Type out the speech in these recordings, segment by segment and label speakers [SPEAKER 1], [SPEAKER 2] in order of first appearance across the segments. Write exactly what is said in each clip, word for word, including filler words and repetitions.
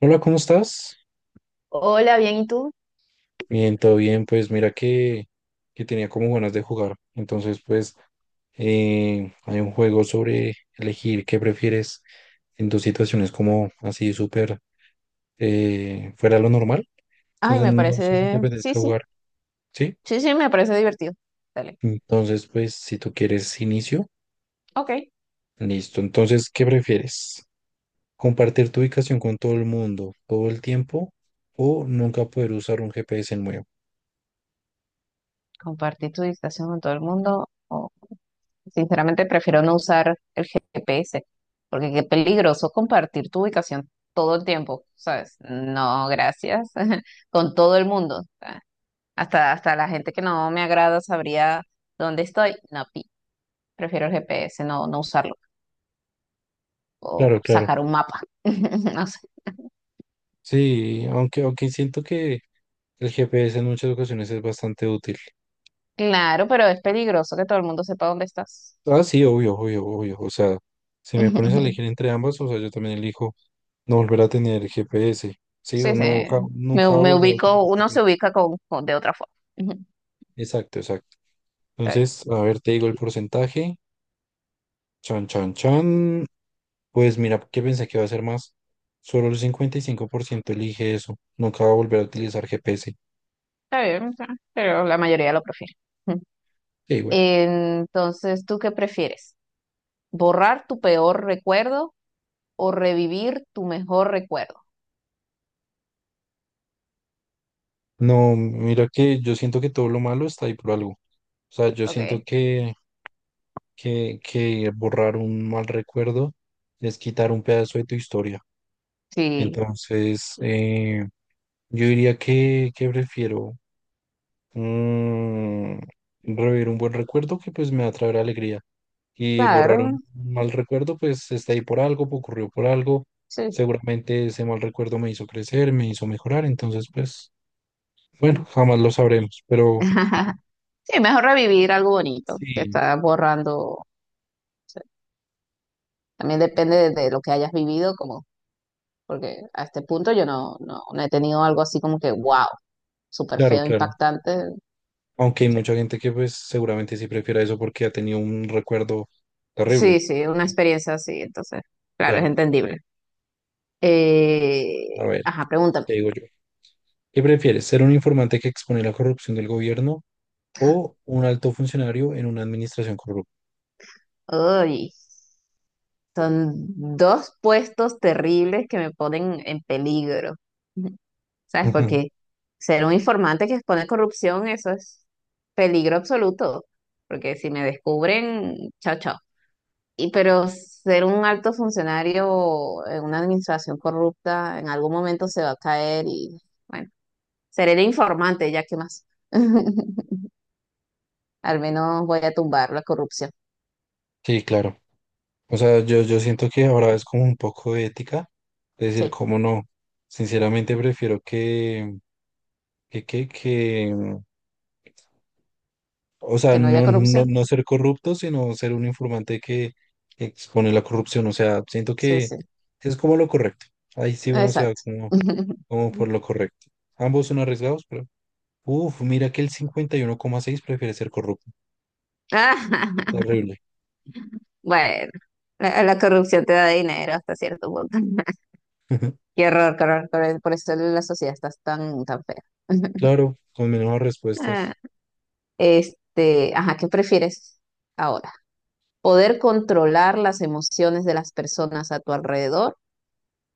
[SPEAKER 1] Hola, ¿cómo estás?
[SPEAKER 2] Hola, bien, ¿y tú?
[SPEAKER 1] Bien, todo bien. Pues mira que, que tenía como ganas de jugar. Entonces, pues eh, hay un juego sobre elegir qué prefieres en tus situaciones como así súper eh, fuera de lo normal.
[SPEAKER 2] Ay,
[SPEAKER 1] Entonces,
[SPEAKER 2] me
[SPEAKER 1] no sé si te
[SPEAKER 2] parece, sí,
[SPEAKER 1] apetezca
[SPEAKER 2] sí,
[SPEAKER 1] jugar, ¿sí?
[SPEAKER 2] sí, sí, me parece divertido. Dale.
[SPEAKER 1] Entonces, pues si tú quieres inicio,
[SPEAKER 2] Ok,
[SPEAKER 1] listo. Entonces, ¿qué prefieres? ¿Compartir tu ubicación con todo el mundo todo el tiempo o nunca poder usar un G P S nuevo?
[SPEAKER 2] compartir tu distracción con todo el mundo. O, sinceramente, prefiero no usar el G P S, porque qué peligroso compartir tu ubicación todo el tiempo, ¿sabes? No, gracias. Con todo el mundo. ah, Hasta, hasta la gente que no me agrada sabría dónde estoy. No, pi, prefiero el G P S, no, no usarlo. O
[SPEAKER 1] Claro, claro.
[SPEAKER 2] sacar un mapa. No sé.
[SPEAKER 1] Sí, aunque, aunque siento que el G P S en muchas ocasiones es bastante útil.
[SPEAKER 2] Claro, pero es peligroso que todo el mundo sepa dónde estás.
[SPEAKER 1] Ah, sí, obvio, obvio, obvio. O sea, si me
[SPEAKER 2] Ujú,
[SPEAKER 1] pones a
[SPEAKER 2] ujú.
[SPEAKER 1] elegir entre ambas, o sea, yo también elijo no volver a tener G P S. Sí,
[SPEAKER 2] Sí,
[SPEAKER 1] o
[SPEAKER 2] sí.
[SPEAKER 1] no, ja-
[SPEAKER 2] Me,
[SPEAKER 1] nunca
[SPEAKER 2] me
[SPEAKER 1] volver a utilizar
[SPEAKER 2] ubico, uno se
[SPEAKER 1] G P S.
[SPEAKER 2] ubica con, con- de otra forma. Ujú.
[SPEAKER 1] Exacto, exacto.
[SPEAKER 2] Está bien,
[SPEAKER 1] Entonces, a ver, te digo el porcentaje. Chan, chan, chan. Pues mira, ¿qué pensé que iba a ser más? Solo el cincuenta y cinco por ciento elige eso. Nunca va a volver a utilizar G P S.
[SPEAKER 2] está bien, está bien, pero la mayoría lo prefiere. Ujú.
[SPEAKER 1] Sí, bueno.
[SPEAKER 2] Entonces, ¿tú qué prefieres? ¿Borrar tu peor recuerdo o revivir tu mejor recuerdo?
[SPEAKER 1] No, mira que yo siento que todo lo malo está ahí por algo. O sea, yo siento
[SPEAKER 2] Ok.
[SPEAKER 1] que, que, que borrar un mal recuerdo es quitar un pedazo de tu historia.
[SPEAKER 2] Sí,
[SPEAKER 1] Entonces, eh, yo diría que, que prefiero mm, revivir un buen recuerdo que pues me va a traer alegría. Y borrar un
[SPEAKER 2] claro.
[SPEAKER 1] mal recuerdo, pues está ahí por algo, pues, ocurrió por algo.
[SPEAKER 2] Sí, sí.
[SPEAKER 1] Seguramente ese mal recuerdo me hizo crecer, me hizo mejorar. Entonces, pues, bueno, jamás lo sabremos. Pero
[SPEAKER 2] Sí, mejor revivir algo bonito que
[SPEAKER 1] sí,
[SPEAKER 2] está borrando. O sea, también depende de, de lo que hayas vivido, como, porque a este punto yo no, no, no he tenido algo así como que wow. Súper
[SPEAKER 1] claro,
[SPEAKER 2] feo,
[SPEAKER 1] claro.
[SPEAKER 2] impactante.
[SPEAKER 1] Aunque hay mucha gente que pues seguramente sí prefiera eso porque ha tenido un recuerdo
[SPEAKER 2] Sí,
[SPEAKER 1] terrible.
[SPEAKER 2] sí, una experiencia así, entonces, claro, es
[SPEAKER 1] Claro,
[SPEAKER 2] entendible.
[SPEAKER 1] a
[SPEAKER 2] Eh,
[SPEAKER 1] ver,
[SPEAKER 2] ajá, pregúntame.
[SPEAKER 1] te digo yo. ¿Qué prefieres, ser un informante que expone la corrupción del gobierno o un alto funcionario en una administración corrupta?
[SPEAKER 2] Uy, son dos puestos terribles que me ponen en peligro. Ujú. ¿Sabes? Porque ser un informante que expone corrupción, eso es peligro absoluto. Porque si me descubren, chao, chao. Y pero ser un alto funcionario en una administración corrupta, en algún momento se va a caer y bueno. Seré el informante, ya que más. Al menos voy a tumbar la corrupción.
[SPEAKER 1] Sí, claro. O sea, yo, yo siento que ahora es como un poco de ética, es decir,
[SPEAKER 2] Sí,
[SPEAKER 1] cómo no. Sinceramente prefiero que, que, que, que, o sea,
[SPEAKER 2] que no haya
[SPEAKER 1] no, no,
[SPEAKER 2] corrupción.
[SPEAKER 1] no ser corrupto, sino ser un informante que expone la corrupción. O sea, siento
[SPEAKER 2] Sí,
[SPEAKER 1] que
[SPEAKER 2] sí,
[SPEAKER 1] es como lo correcto. Ahí sí uno se va
[SPEAKER 2] exacto.
[SPEAKER 1] como, como por lo correcto. Ambos son arriesgados, pero. Uf, mira que el cincuenta y uno coma seis prefiere ser corrupto.
[SPEAKER 2] Ah,
[SPEAKER 1] Terrible.
[SPEAKER 2] bueno, la, la corrupción te da dinero hasta cierto punto. Qué horror, qué horror, qué horror. Por eso la sociedad está tan, tan fea.
[SPEAKER 1] Claro, con menos
[SPEAKER 2] Ah,
[SPEAKER 1] respuestas.
[SPEAKER 2] este, ajá, ¿qué prefieres ahora? ¿Poder controlar las emociones de las personas a tu alrededor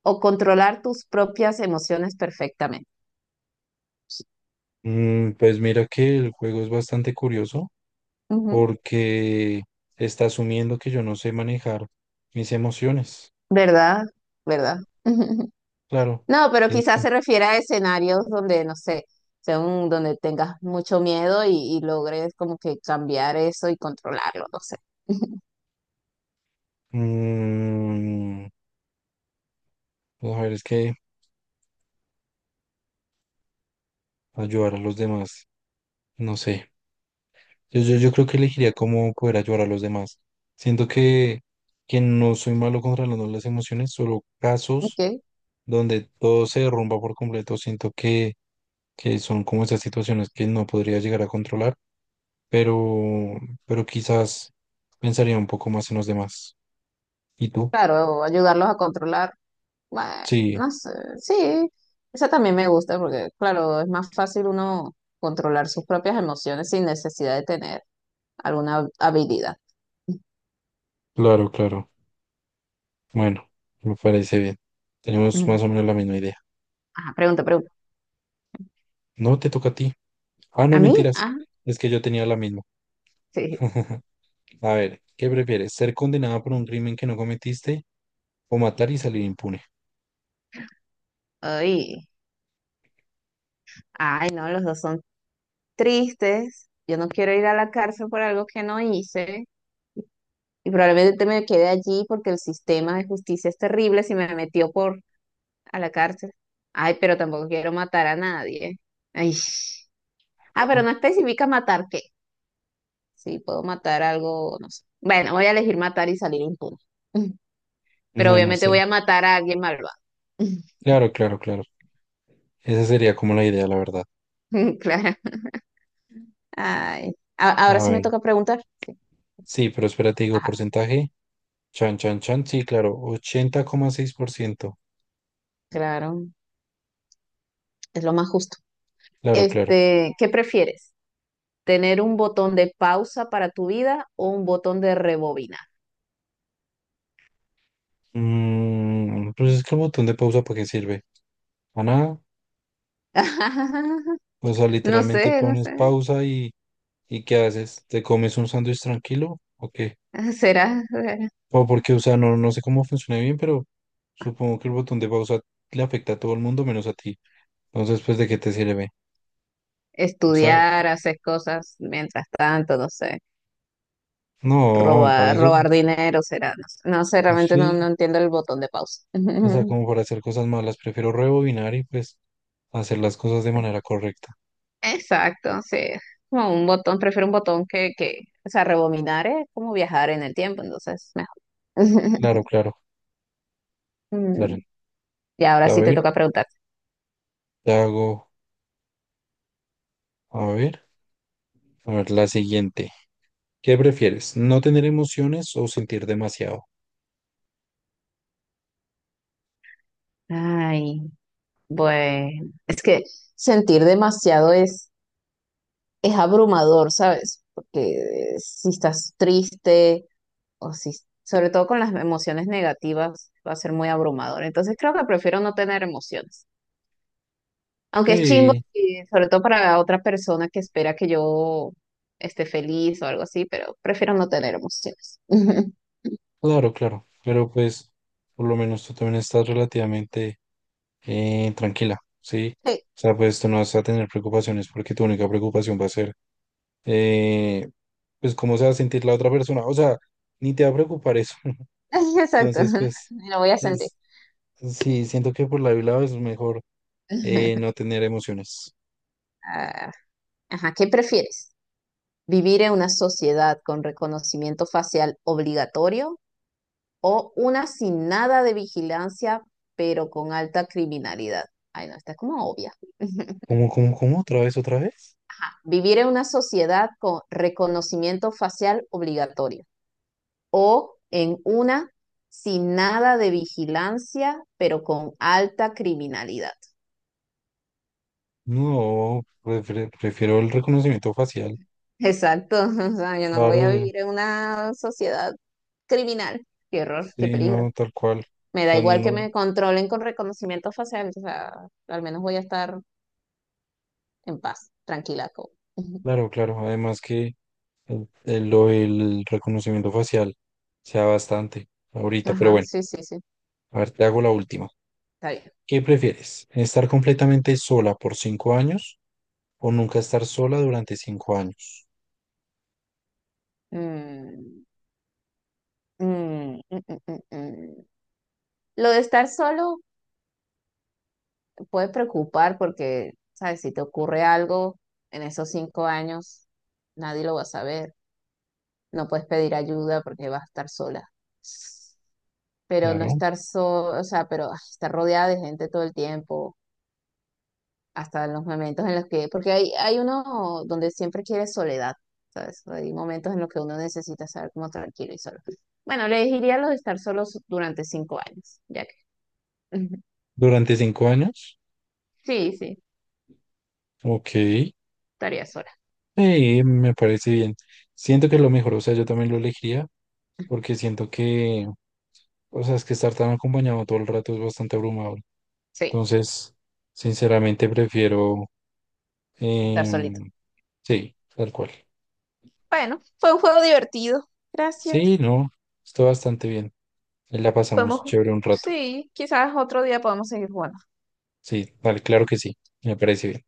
[SPEAKER 2] o controlar tus propias emociones perfectamente?
[SPEAKER 1] Mm, pues mira que el juego es bastante curioso porque está asumiendo que yo no sé manejar mis emociones.
[SPEAKER 2] ¿Verdad? ¿Verdad?
[SPEAKER 1] Claro.
[SPEAKER 2] No, pero quizás
[SPEAKER 1] Ento-
[SPEAKER 2] se refiere a escenarios donde, no sé, sea un- donde tengas mucho miedo y, y logres como que cambiar eso y controlarlo, no sé.
[SPEAKER 1] Mm, Mujer, es que ayudar a los demás, no sé. Yo, yo, yo creo que elegiría cómo poder ayudar a los demás. Siento que, que no soy malo controlando las emociones, solo
[SPEAKER 2] Ok,
[SPEAKER 1] casos donde todo se derrumba por completo. Siento que, que son como esas situaciones que no podría llegar a controlar, pero, pero quizás pensaría un poco más en los demás. ¿Y tú?
[SPEAKER 2] claro, ayudarlos a controlar. Bueno,
[SPEAKER 1] Sí,
[SPEAKER 2] no sé, sí, esa también me gusta porque, claro, es más fácil uno controlar sus propias emociones sin necesidad de tener alguna habilidad.
[SPEAKER 1] claro, claro. Bueno, me parece bien. Tenemos
[SPEAKER 2] Ujú.
[SPEAKER 1] más o menos la misma idea.
[SPEAKER 2] Ajá, pregunta, pregunta.
[SPEAKER 1] No te toca a ti. Ah, no,
[SPEAKER 2] ¿A mí?
[SPEAKER 1] mentiras.
[SPEAKER 2] Ah,
[SPEAKER 1] Es que yo tenía la misma.
[SPEAKER 2] sí.
[SPEAKER 1] A ver, ¿qué prefieres? ¿Ser condenado por un crimen que no cometiste o matar y salir impune?
[SPEAKER 2] Ay, ay, no, los dos son tristes, yo no quiero ir a la cárcel por algo que no hice y probablemente me quede allí porque el sistema de justicia es terrible si me metió por a la cárcel. Ay, pero tampoco quiero matar a nadie. Ay. Ah, pero
[SPEAKER 1] Ujú.
[SPEAKER 2] no especifica matar qué. Sí, puedo matar algo, no sé. Bueno, voy a elegir matar y salir impune. Pero
[SPEAKER 1] Bueno,
[SPEAKER 2] obviamente voy
[SPEAKER 1] sí.
[SPEAKER 2] a matar a alguien malvado.
[SPEAKER 1] Claro, claro, claro. Esa sería como la idea, la verdad.
[SPEAKER 2] Claro. Ay. A-
[SPEAKER 1] A
[SPEAKER 2] ahora sí me
[SPEAKER 1] ver.
[SPEAKER 2] toca preguntar.
[SPEAKER 1] Sí, pero espérate, digo,
[SPEAKER 2] Ajá,
[SPEAKER 1] porcentaje. Chan, chan, chan. Sí, claro. Ochenta coma seis por ciento.
[SPEAKER 2] claro, es lo más justo.
[SPEAKER 1] Claro, claro.
[SPEAKER 2] Este, ¿qué prefieres? Tener un botón de pausa para tu vida o un botón de rebobinar.
[SPEAKER 1] Mm, pues es que el botón de pausa, ¿para qué sirve? A nada. O sea,
[SPEAKER 2] No
[SPEAKER 1] literalmente
[SPEAKER 2] sé, no
[SPEAKER 1] pones
[SPEAKER 2] sé.
[SPEAKER 1] pausa y, ¿y qué haces? ¿Te comes un sándwich tranquilo? Ok.
[SPEAKER 2] Será, será.
[SPEAKER 1] O porque, o sea, no, no sé cómo funciona bien, pero supongo que el botón de pausa le afecta a todo el mundo menos a ti. Entonces, pues, ¿de qué te sirve? O sea,
[SPEAKER 2] Estudiar, hacer cosas mientras tanto, no sé.
[SPEAKER 1] no, para
[SPEAKER 2] Robar,
[SPEAKER 1] eso,
[SPEAKER 2] robar dinero será, no sé. No sé,
[SPEAKER 1] pues,
[SPEAKER 2] realmente no,
[SPEAKER 1] sí.
[SPEAKER 2] no entiendo el botón de pausa.
[SPEAKER 1] O sea, como para hacer cosas malas, prefiero rebobinar y pues hacer las cosas de manera correcta.
[SPEAKER 2] Exacto, sí. Como un botón, prefiero un botón que, que, o sea, rebobinar es como viajar en el tiempo, entonces mejor.
[SPEAKER 1] Claro, claro,
[SPEAKER 2] Mm,
[SPEAKER 1] claro.
[SPEAKER 2] y ahora
[SPEAKER 1] A
[SPEAKER 2] sí te
[SPEAKER 1] ver,
[SPEAKER 2] toca preguntar.
[SPEAKER 1] te hago, a ver, a ver, la siguiente. ¿Qué prefieres? ¿No tener emociones o sentir demasiado?
[SPEAKER 2] Ay. Bueno, es que sentir demasiado es, es abrumador, ¿sabes? Porque si estás triste o si, sobre todo con las emociones negativas, va a ser muy abrumador. Entonces creo que prefiero no tener emociones. Aunque es chimbo,
[SPEAKER 1] Sí,
[SPEAKER 2] y sobre todo para otra persona que espera que yo esté feliz o algo así, pero prefiero no tener emociones.
[SPEAKER 1] claro, claro. Pero pues, por lo menos tú también estás relativamente eh, tranquila, ¿sí?
[SPEAKER 2] Sí,
[SPEAKER 1] O sea, pues tú no vas a tener preocupaciones porque tu única preocupación va a ser, eh, pues, cómo se va a sentir la otra persona. O sea, ni te va a preocupar eso.
[SPEAKER 2] exacto.
[SPEAKER 1] Entonces, pues,
[SPEAKER 2] Lo voy a sentir.
[SPEAKER 1] es- sí, siento que por la lado es mejor eh, no tener emociones.
[SPEAKER 2] Ah, ajá, ¿qué prefieres? ¿Vivir en una sociedad con reconocimiento facial obligatorio o una sin nada de vigilancia, pero con alta criminalidad? Ay, no, está como obvia.
[SPEAKER 1] ¿Cómo, cómo, cómo? ¿Otra vez, otra vez?
[SPEAKER 2] ¿Vivir en una sociedad con reconocimiento facial obligatorio o en una sin nada de vigilancia, pero con alta criminalidad?
[SPEAKER 1] No, prefiero, prefiero el reconocimiento facial.
[SPEAKER 2] Exacto. O sea, yo no voy
[SPEAKER 1] Claro,
[SPEAKER 2] a
[SPEAKER 1] eh,
[SPEAKER 2] vivir en una sociedad criminal. Qué horror, qué
[SPEAKER 1] sí,
[SPEAKER 2] peligro.
[SPEAKER 1] no, tal cual. O
[SPEAKER 2] Me da
[SPEAKER 1] sea,
[SPEAKER 2] igual que
[SPEAKER 1] no,
[SPEAKER 2] me controlen con reconocimiento facial, o sea, al menos voy a estar en paz, tranquila. co- Ujú.
[SPEAKER 1] claro, claro. Además que el- el- lo del reconocimiento facial sea bastante ahorita, pero
[SPEAKER 2] Ajá,
[SPEAKER 1] bueno,
[SPEAKER 2] sí, sí, sí,
[SPEAKER 1] a ver, te hago la última.
[SPEAKER 2] está bien.
[SPEAKER 1] ¿Qué prefieres? ¿Estar completamente sola por cinco años o nunca estar sola durante cinco años?
[SPEAKER 2] Mm, mm, mm, mm, mm, mm. mm. Lo de estar solo puede preocupar porque, ¿sabes? Si te ocurre algo en esos cinco años, nadie lo va a saber. No puedes pedir ayuda porque vas a estar sola. Pero no
[SPEAKER 1] Claro.
[SPEAKER 2] estar solo, o sea, pero ah, estar rodeada de gente todo el tiempo hasta los momentos en los que, porque hay, hay uno donde siempre quiere soledad, ¿sabes? Hay momentos en los que uno necesita estar como tranquilo y solo. Bueno, le diría lo de estar solos durante cinco años, ya que.
[SPEAKER 1] ¿Durante cinco años?
[SPEAKER 2] Sí, sí,
[SPEAKER 1] Ok.
[SPEAKER 2] estaría sola.
[SPEAKER 1] Sí, me parece bien. Siento que es lo mejor, o sea, yo también lo elegiría porque siento que, o sea, es que estar tan acompañado todo el rato es bastante abrumador.
[SPEAKER 2] Sí,
[SPEAKER 1] Entonces, sinceramente prefiero,
[SPEAKER 2] estar solito.
[SPEAKER 1] em, sí, tal cual.
[SPEAKER 2] Bueno, fue un juego divertido.
[SPEAKER 1] Sí,
[SPEAKER 2] Gracias.
[SPEAKER 1] no, está bastante bien. Ahí la
[SPEAKER 2] Podemos,
[SPEAKER 1] pasamos chévere un rato.
[SPEAKER 2] sí, quizás otro día podemos seguir jugando.
[SPEAKER 1] Sí, vale, claro que sí, me parece bien.